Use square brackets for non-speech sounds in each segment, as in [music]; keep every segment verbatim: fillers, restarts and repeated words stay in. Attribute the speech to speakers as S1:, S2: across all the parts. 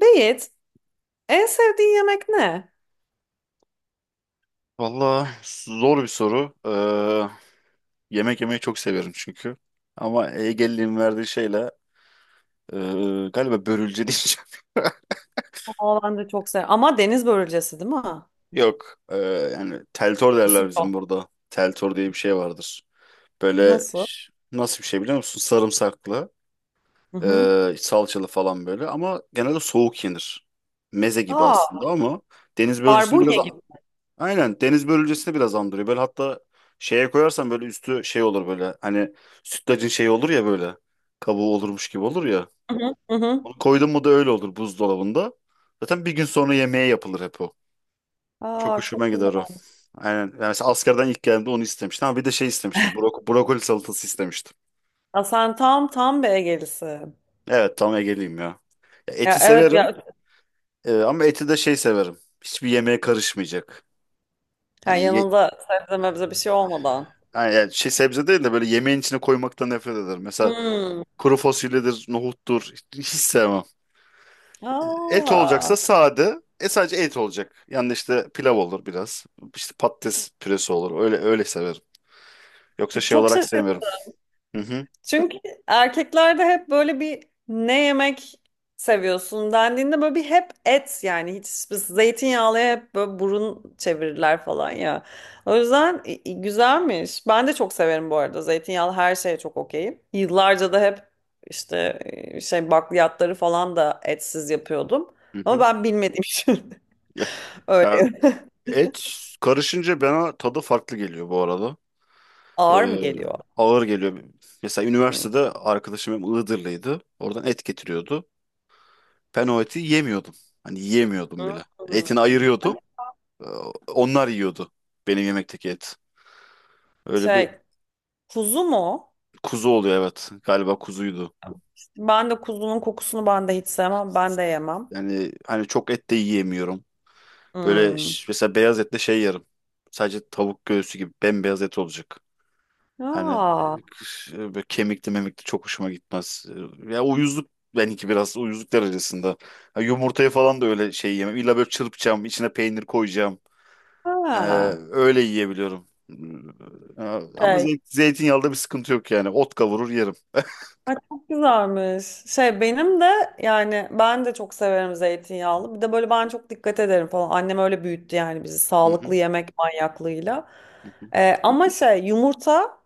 S1: Beyit, en sevdiğin yemek ne?
S2: Valla zor bir soru. Ee, yemek yemeyi çok severim çünkü. Ama Ege'liğin verdiği şeyle ee, galiba börülce [laughs] diyeceğim.
S1: Aa, ben de çok seviyorum. Ama deniz börülcesi değil mi?
S2: Yok. Ee, yani teltor
S1: Nasıl?
S2: derler bizim
S1: Yok?
S2: burada. Teltor diye bir şey vardır. Böyle
S1: Nasıl?
S2: ş- nasıl bir şey biliyor musun? Sarımsaklı,
S1: Hı hı.
S2: ee, salçalı falan böyle. Ama genelde soğuk yenir. Meze gibi
S1: Aa,
S2: aslında ama deniz börülcüsünü
S1: barbunya
S2: biraz.
S1: gibi.
S2: Aynen deniz börülcesini biraz andırıyor. Böyle hatta şeye koyarsan böyle üstü şey olur böyle. Hani sütlacın şeyi olur ya böyle. Kabuğu olurmuş gibi olur ya.
S1: Hı hı. Hı hı.
S2: Onu koydun mu da öyle olur buzdolabında. Zaten bir gün sonra yemeğe yapılır hep o. Çok
S1: Aa,
S2: hoşuma
S1: çok güzel.
S2: gider o. Aynen. Yani mesela askerden ilk geldiğimde onu istemiştim ama bir de şey istemiştim. Brok- brokoli salatası istemiştim.
S1: Ya sen tam tam bir Egelisin.
S2: Evet, tam Ege'liyim ya. Ya
S1: Ya
S2: eti
S1: evet
S2: severim,
S1: ya,
S2: e, ama eti de şey severim. Hiçbir yemeğe karışmayacak.
S1: ya
S2: Hani, ye-
S1: yanında sebze mebze bir şey olmadan.
S2: hani yani şey sebze değil de böyle yemeğin içine koymaktan nefret ederim. Mesela
S1: Hmm.
S2: kuru fasulyedir, nohuttur. Hiç sevmem. Et
S1: Aa,
S2: olacaksa sade. E sadece et olacak. Yani işte pilav olur biraz. İşte patates püresi olur. Öyle öyle severim. Yoksa
S1: e,
S2: şey
S1: çok,
S2: olarak sevmiyorum. Hı hı.
S1: çünkü erkeklerde hep böyle bir ne yemek seviyorsun dendiğinde böyle bir hep et, yani hiç zeytinyağlıya hep böyle burun çevirirler falan ya. O yüzden i- i- güzelmiş. Ben de çok severim bu arada, zeytinyağlı her şeye çok okeyim. Yıllarca da hep işte e, şey bakliyatları falan da etsiz yapıyordum.
S2: Hı
S1: Ama
S2: hı.
S1: ben bilmediğim için
S2: Ya,
S1: [laughs] öyle
S2: ya et karışınca bana tadı farklı geliyor bu arada.
S1: ağır mı
S2: Ee,
S1: geliyor?
S2: Ağır geliyor. Mesela
S1: Hmm.
S2: üniversitede arkadaşım hem Iğdırlıydı. Oradan et getiriyordu. Ben o eti yemiyordum. Hani yemiyordum bile. Etini
S1: Hmm.
S2: ayırıyordum. Ee, Onlar yiyordu benim yemekteki et. Öyle bir.
S1: Şey, kuzu mu?
S2: Kuzu oluyor, evet. Galiba kuzuydu.
S1: İşte ben de kuzunun kokusunu ben de hiç sevmem. Ben de yemem.
S2: Yani hani çok et de yiyemiyorum. Böyle
S1: Hmm.
S2: ş- mesela beyaz etle şey yerim. Sadece tavuk göğsü gibi bembeyaz et olacak. Hani
S1: Aa,
S2: e, kış- e, böyle kemikli memikli çok hoşuma gitmez. E, Ya, uyuzluk benimki biraz uyuzluk derecesinde. Ha, yumurtayı falan da öyle şey yemem. İlla böyle çırpacağım, içine peynir koyacağım. E,
S1: ha.
S2: Öyle yiyebiliyorum. E, Ama
S1: Şey,
S2: zeyt, zeytinyağında bir sıkıntı yok yani. Ot kavurur yerim.
S1: ay çok güzelmiş. Şey benim de, yani ben de çok severim zeytinyağlı. Bir de böyle ben çok dikkat ederim falan. Annem öyle büyüttü yani bizi,
S2: Hı
S1: sağlıklı
S2: hı,
S1: yemek manyaklığıyla.
S2: hı hı.
S1: Ee, ama şey yumurta,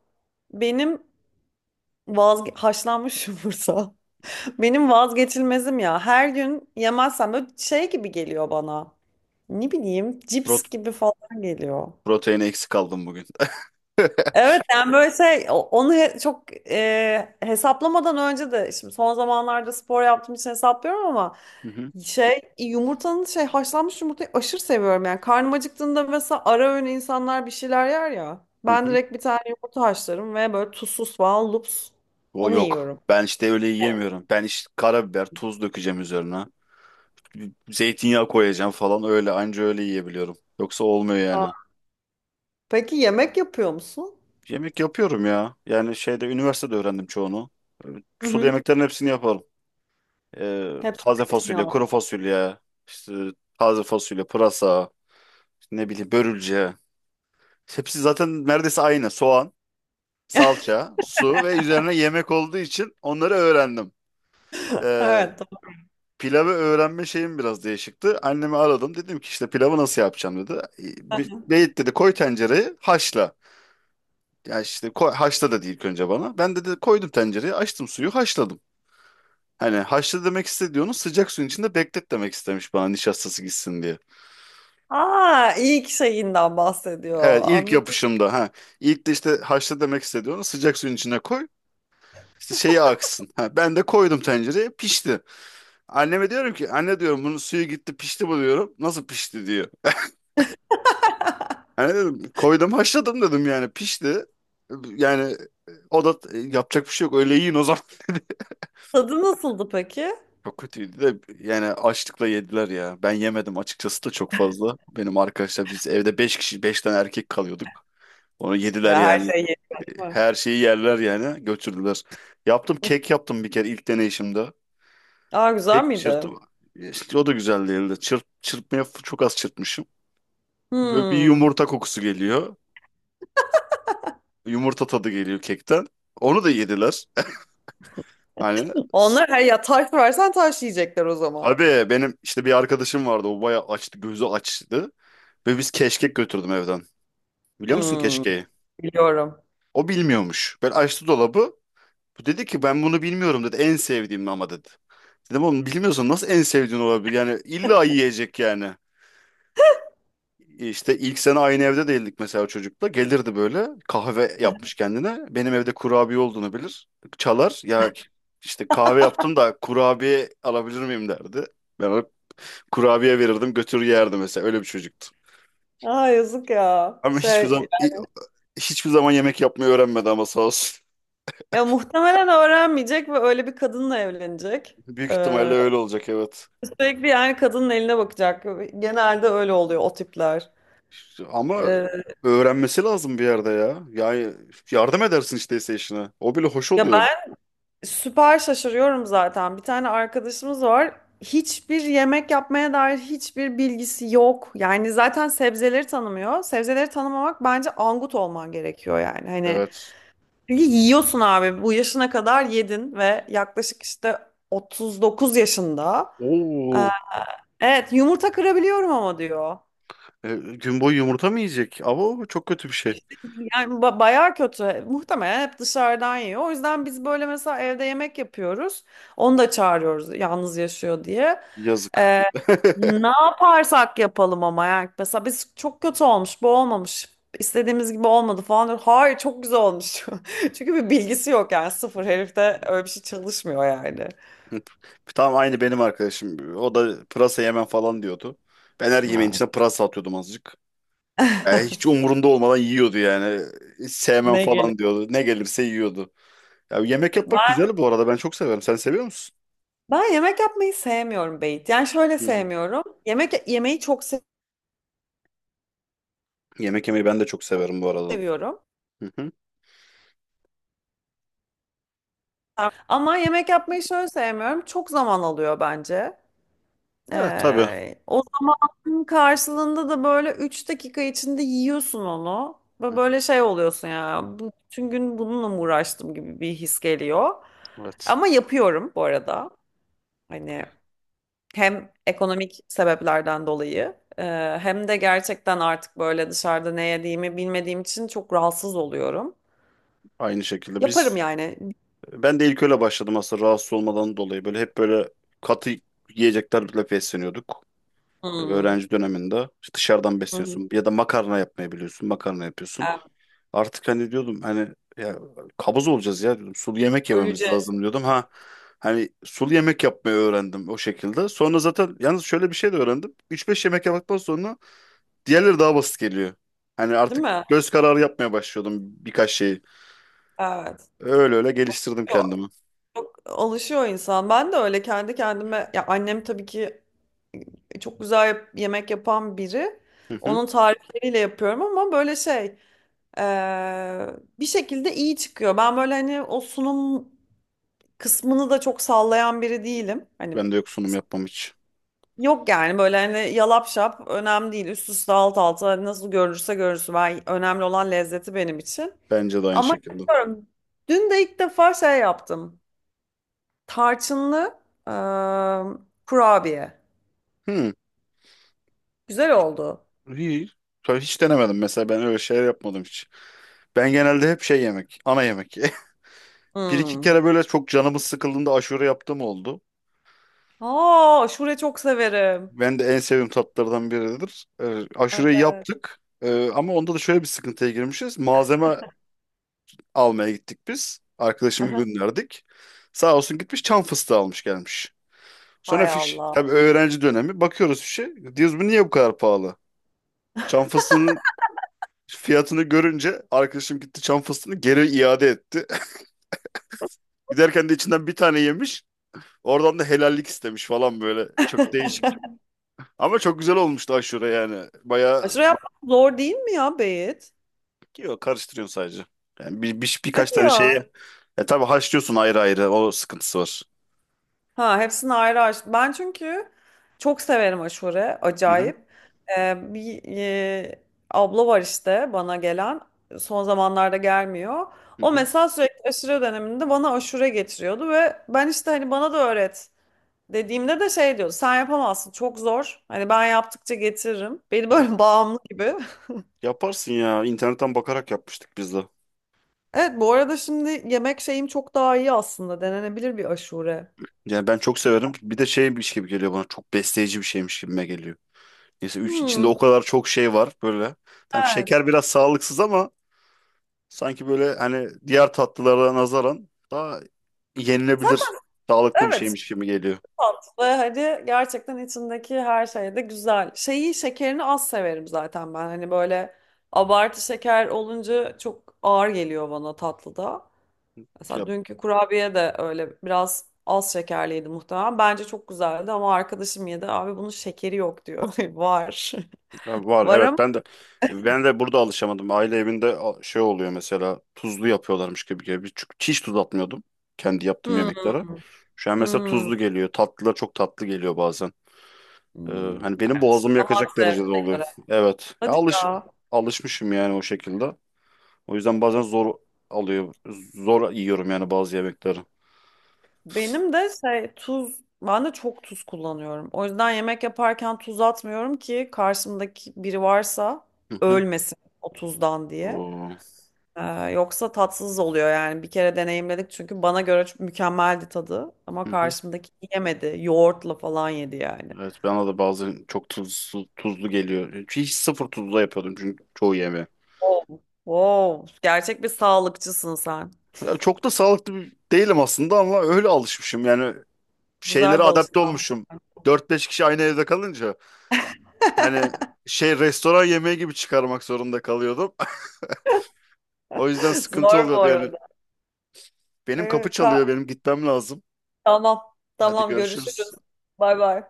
S1: benim vazge haşlanmış [laughs] yumurta. Benim vazgeçilmezim ya. Her gün yemezsem böyle şey gibi geliyor bana. Ne bileyim, cips
S2: Prot-
S1: gibi falan geliyor.
S2: Proteini eksik kaldım bugün.
S1: Evet yani böyle şey o- onu he- çok, e, hesaplamadan önce de, şimdi son zamanlarda spor yaptığım için hesaplıyorum, ama
S2: [laughs] Hı hı,
S1: şey yumurtanın, şey haşlanmış yumurtayı aşırı seviyorum yani. Karnım acıktığında mesela ara öğün, insanlar bir şeyler yer ya,
S2: hı
S1: ben
S2: hı.
S1: direkt bir tane yumurta haşlarım ve böyle tuzsuz falan lups
S2: O
S1: onu
S2: yok.
S1: yiyorum.
S2: Ben işte öyle yiyemiyorum. Ben işte karabiber, tuz dökeceğim üzerine. Zeytinyağı koyacağım falan, öyle anca öyle yiyebiliyorum. Yoksa olmuyor yani.
S1: Aa. Peki yemek yapıyor musun?
S2: Yemek yapıyorum ya. Yani şeyde üniversitede öğrendim çoğunu. Ee,
S1: Hı
S2: Sulu
S1: hı.
S2: yemeklerin hepsini yaparım. Ee,
S1: Hepsi
S2: taze fasulye,
S1: zeytinyağlı.
S2: kuru fasulye, işte taze fasulye, pırasa, işte ne bileyim, börülce. Hepsi zaten neredeyse aynı. Soğan, salça, su ve üzerine yemek olduğu için onları öğrendim. Ee,
S1: Evet, doğru.
S2: Pilavı öğrenme şeyim biraz değişikti. Annemi aradım. Dedim ki işte pilavı nasıl yapacağım, dedi. E, bir- Beyit, dedi, koy tencereyi haşla. Ya, işte koy, haşla dedi ilk önce bana. Ben de, dedi, koydum tencereyi, açtım suyu, haşladım. Hani haşla demek istediğini sıcak suyun içinde beklet demek istemiş bana, nişastası gitsin diye.
S1: Aa, ilk şeyinden bahsediyor,
S2: Evet, ilk
S1: anladım.
S2: yapışımda ha. İlk de işte haşla demek istediğini sıcak suyun içine koy. İşte şeyi aksın. Ha, ben de koydum tencereye, pişti. Anneme diyorum ki, anne diyorum, bunun suyu gitti pişti bu diyorum. Nasıl pişti diyor. Hani dedim koydum haşladım dedim, yani pişti. Yani o da e, yapacak bir şey yok, öyle yiyin o zaman [laughs] dedi.
S1: Tadı nasıldı peki?
S2: Çok kötüydü de yani açlıkla yediler ya. Ben yemedim açıkçası da çok fazla. Benim arkadaşlar, biz evde beş kişi beş tane erkek kalıyorduk. Onu yediler
S1: Ya, her
S2: yani.
S1: şey yeniyor.
S2: Her şeyi yerler yani, götürdüler. Yaptım, kek yaptım bir kere ilk deneyişimde.
S1: Aa, güzel
S2: Kek
S1: miydi?
S2: çırptım. İşte o da güzel değildi. Çırp, çırpmaya f- çok az çırpmışım. Böyle bir
S1: Hmm.
S2: yumurta kokusu geliyor. Yumurta tadı geliyor kekten. Onu da yediler. Hani s-
S1: Onlar her, ya taş versen taş yiyecekler o zaman.
S2: tabii benim işte bir arkadaşım vardı. O bayağı açtı, gözü açtı. Ve biz keşkek götürdüm evden. Biliyor musun
S1: Hmm.
S2: keşkeği?
S1: Biliyorum.
S2: O bilmiyormuş. Ben açtı dolabı. Bu dedi ki, ben bunu bilmiyorum dedi. En sevdiğim ama dedi. Dedim oğlum bilmiyorsan nasıl en sevdiğin olabilir? Yani illa yiyecek yani. İşte ilk sene aynı evde değildik mesela çocukla. Gelirdi böyle kahve yapmış kendine. Benim evde kurabiye olduğunu bilir. Çalar ya, işte kahve yaptım da kurabiye alabilir miyim derdi. Ben ona kurabiye verirdim, götürür yerdi mesela. Öyle bir çocuktu.
S1: Aa yazık ya.
S2: Ama hiçbir
S1: Şey,
S2: zaman hi- hiçbir zaman yemek yapmayı öğrenmedi ama sağ olsun.
S1: ya muhtemelen öğrenmeyecek ve öyle bir kadınla evlenecek.
S2: [laughs] Büyük ihtimalle
S1: Ee,
S2: öyle olacak, evet.
S1: Sürekli yani kadının eline bakacak. Genelde öyle oluyor o tipler.
S2: Ama
S1: Ee,
S2: öğrenmesi lazım bir yerde ya. Yani yardım edersin işte ise işine. O bile hoş
S1: Ya
S2: oluyor.
S1: süper şaşırıyorum zaten. Bir tane arkadaşımız var. Hiçbir yemek yapmaya dair hiçbir bilgisi yok. Yani zaten sebzeleri tanımıyor. Sebzeleri tanımamak bence angut olman gerekiyor yani. Hani
S2: Evet.
S1: çünkü yiyorsun abi. Bu yaşına kadar yedin ve yaklaşık işte otuz dokuz yaşında.
S2: Oo,
S1: Ee, Evet yumurta kırabiliyorum ama diyor.
S2: e, gün boyu yumurta mı yiyecek? Ama o çok kötü bir şey.
S1: Yani ba- bayağı kötü. Muhtemelen hep dışarıdan yiyor. O yüzden biz böyle mesela evde yemek yapıyoruz. Onu da çağırıyoruz yalnız yaşıyor diye.
S2: Yazık.
S1: Ee,
S2: [laughs]
S1: Ne yaparsak yapalım ama, yani mesela biz, çok kötü olmuş, bu olmamış. İstediğimiz gibi olmadı falan diyor. Hayır çok güzel olmuş. [laughs] Çünkü bir bilgisi yok yani, sıfır herifte, öyle bir şey çalışmıyor yani.
S2: Tam aynı benim arkadaşım. O da pırasa yemem falan diyordu. Ben her yemeğin
S1: Ay.
S2: içine pırasa atıyordum azıcık. Ya, hiç
S1: [laughs]
S2: umurunda olmadan yiyordu yani. Hiç sevmem
S1: Ne gelir?
S2: falan diyordu. Ne gelirse yiyordu. Ya, yemek yapmak
S1: Ben,
S2: güzel bu arada. Ben çok severim. Sen seviyor musun?
S1: Ben yemek yapmayı sevmiyorum Beyt. Yani şöyle
S2: Hı.
S1: sevmiyorum. Yemek yemeği çok
S2: Yemek yemeyi ben de çok severim bu arada.
S1: seviyorum.
S2: Hı hı.
S1: Ama yemek yapmayı şöyle sevmiyorum. Çok zaman alıyor bence.
S2: Evet tabii. Hı
S1: Ee, o zamanın karşılığında da böyle üç dakika içinde yiyorsun onu. Ve
S2: hı.
S1: böyle şey oluyorsun ya. bu- Bütün gün bununla mı uğraştım gibi bir his geliyor.
S2: Evet.
S1: Ama yapıyorum bu arada. Hani hem ekonomik sebeplerden dolayı, e, hem de gerçekten artık böyle dışarıda ne yediğimi bilmediğim için çok rahatsız oluyorum.
S2: Aynı şekilde
S1: Yaparım
S2: biz
S1: yani.
S2: ben de ilk öyle başladım aslında, rahatsız olmadan dolayı. Böyle hep böyle katı yiyeceklerle besleniyorduk. e,
S1: Hmm.
S2: Öğrenci döneminde İşte dışarıdan
S1: Hı hı.
S2: besliyorsun ya da makarna yapmayı biliyorsun. Makarna yapıyorsun.
S1: Yani
S2: Artık hani diyordum, hani ya kabız olacağız ya diyordum. Sulu yemek yememiz
S1: öleceğiz,
S2: lazım diyordum. Ha, hani sulu yemek yapmayı öğrendim o şekilde. Sonra zaten yalnız şöyle bir şey de öğrendim. üç beş yemek yaptıktan sonra diğerleri daha basit geliyor. Hani
S1: değil
S2: artık
S1: mi?
S2: göz kararı yapmaya başlıyordum birkaç şeyi.
S1: Evet.
S2: Öyle öyle geliştirdim
S1: Yok,
S2: kendimi.
S1: yok, alışıyor insan. Ben de öyle kendi kendime, ya annem tabii ki çok güzel yap- yemek yapan biri.
S2: Hı hı.
S1: Onun tarifleriyle yapıyorum ama böyle şey eee, bir şekilde iyi çıkıyor. Ben böyle hani o sunum kısmını da çok sallayan biri değilim. Hani
S2: Ben de yok, sunum yapmam hiç.
S1: yok yani, böyle hani yalap şap, önemli değil. Üst üste, alt alta, hani nasıl görünürse görünsün. Ben, önemli olan lezzeti benim için.
S2: Bence de aynı
S1: Ama
S2: şekilde.
S1: yapıyorum. Dün de ilk defa şey yaptım. Tarçınlı eee, kurabiye.
S2: Hı.
S1: Güzel oldu.
S2: İyi. Tabii hiç denemedim, mesela ben öyle şeyler yapmadım hiç. Ben genelde hep şey yemek, ana yemek. [laughs] Bir iki
S1: Hmm.
S2: kere böyle çok canımız sıkıldığında aşure yaptığım oldu.
S1: Aa, aşure çok severim.
S2: Ben de en sevdiğim tatlardan biridir. Ee, aşureyi
S1: Evet.
S2: yaptık. Ee, ama onda da şöyle bir sıkıntıya girmişiz. Malzeme almaya gittik biz. Arkadaşımı
S1: Aha.
S2: gönderdik. Sağ olsun gitmiş çam fıstığı almış gelmiş. Sonra
S1: Hay
S2: fiş,
S1: Allah.
S2: tabii öğrenci dönemi. Bakıyoruz fişe. Diyoruz, bu niye bu kadar pahalı? Çam fıstığının fiyatını görünce arkadaşım gitti çam fıstığını geri iade etti. [laughs] Giderken de içinden bir tane yemiş. Oradan da helallik istemiş falan böyle. Çok değişik. Ama çok güzel olmuştu aşure yani. Bayağı.
S1: Aşure yapmak zor değil mi ya Beyit?
S2: Yok, karıştırıyorsun sadece. Yani bir, bir, birkaç
S1: Hadi
S2: tane
S1: ya.
S2: şeye e tabii haşlıyorsun ayrı ayrı, o sıkıntısı var.
S1: Ha, hepsini ayrı aç. Ben çünkü çok severim aşure.
S2: Hı hı.
S1: Acayip. Ee, bir e, Abla var işte bana gelen. Son zamanlarda gelmiyor.
S2: Hı
S1: O
S2: hı.
S1: mesela sürekli aşure döneminde bana aşure getiriyordu ve ben işte hani bana da öğret. Dediğimde de şey diyor, sen yapamazsın çok zor. Hani ben yaptıkça getiririm. Beni
S2: Ya-
S1: böyle [laughs] bağımlı gibi. [laughs]
S2: Yaparsın ya. İnternetten bakarak yapmıştık biz de.
S1: Evet bu arada şimdi yemek şeyim çok daha iyi aslında. Denenebilir bir aşure.
S2: Yani ben çok severim. Bir de şeymiş gibi geliyor bana. Çok besleyici bir şeymiş gibime geliyor. Neyse, üç, içinde o
S1: Hmm,
S2: kadar çok şey var böyle. Tam
S1: evet.
S2: şeker biraz sağlıksız ama sanki böyle, hani diğer tatlılara nazaran daha
S1: Zaten
S2: yenilebilir, sağlıklı bir
S1: evet
S2: şeymiş gibi geliyor.
S1: tatlı. Hadi gerçekten içindeki her şey de güzel. Şeyi, şekerini az severim zaten ben. Hani böyle abartı şeker olunca çok ağır geliyor bana tatlıda.
S2: Ya
S1: Mesela dünkü kurabiye de öyle biraz az şekerliydi muhtemelen. Bence çok güzeldi ama arkadaşım yedi. Abi bunun şekeri yok diyor. [laughs] Var.
S2: Ha,
S1: [laughs]
S2: var
S1: Var ama.
S2: evet, ben de ben de burada alışamadım. Aile evinde a- şey oluyor, mesela tuzlu yapıyorlarmış gibi gibi. Çünkü hiç tuz atmıyordum kendi yaptığım
S1: Hmm,
S2: yemeklere. Şu an mesela
S1: hmm,
S2: tuzlu geliyor. Tatlılar çok tatlı geliyor bazen. Ee,
S1: hmm.
S2: Hani benim
S1: Evet, işte
S2: boğazımı
S1: damak
S2: yakacak derecede
S1: zevkine
S2: oluyor.
S1: göre.
S2: Evet. Ya,
S1: Hadi
S2: alış
S1: ya.
S2: alışmışım yani o şekilde. O yüzden bazen zor alıyor. Zor yiyorum yani bazı yemekleri.
S1: Benim de şey tuz. Ben de çok tuz kullanıyorum. O yüzden yemek yaparken tuz atmıyorum, ki karşımdaki biri varsa
S2: Hı hı.
S1: ölmesin o tuzdan diye.
S2: Oo.
S1: Ee, Yoksa tatsız oluyor yani, bir kere deneyimledik çünkü bana göre çok mükemmeldi tadı ama
S2: Hı hı.
S1: karşımdaki yemedi, yoğurtla falan yedi yani.
S2: Evet, bana da bazen çok tuzlu, tuzlu geliyor. Hiç sıfır tuzlu yapıyordum çünkü çoğu yemeği.
S1: Wow. Wow. Gerçek bir sağlıkçısın sen.
S2: Ya çok da sağlıklı bir- değilim aslında ama öyle alışmışım. Yani
S1: Güzel
S2: şeylere
S1: bir
S2: adapte
S1: alışkanlık.
S2: olmuşum. Dört beş kişi aynı evde kalınca hani
S1: [laughs]
S2: şey, restoran yemeği gibi çıkarmak zorunda kalıyordum. [laughs] O yüzden sıkıntı
S1: Zor bu
S2: oluyordu yani.
S1: arada.
S2: Benim kapı
S1: Ee,
S2: çalıyor,
S1: ka-
S2: benim gitmem lazım.
S1: tamam
S2: Hadi
S1: tamam,
S2: görüşürüz.
S1: görüşürüz. Bay bay.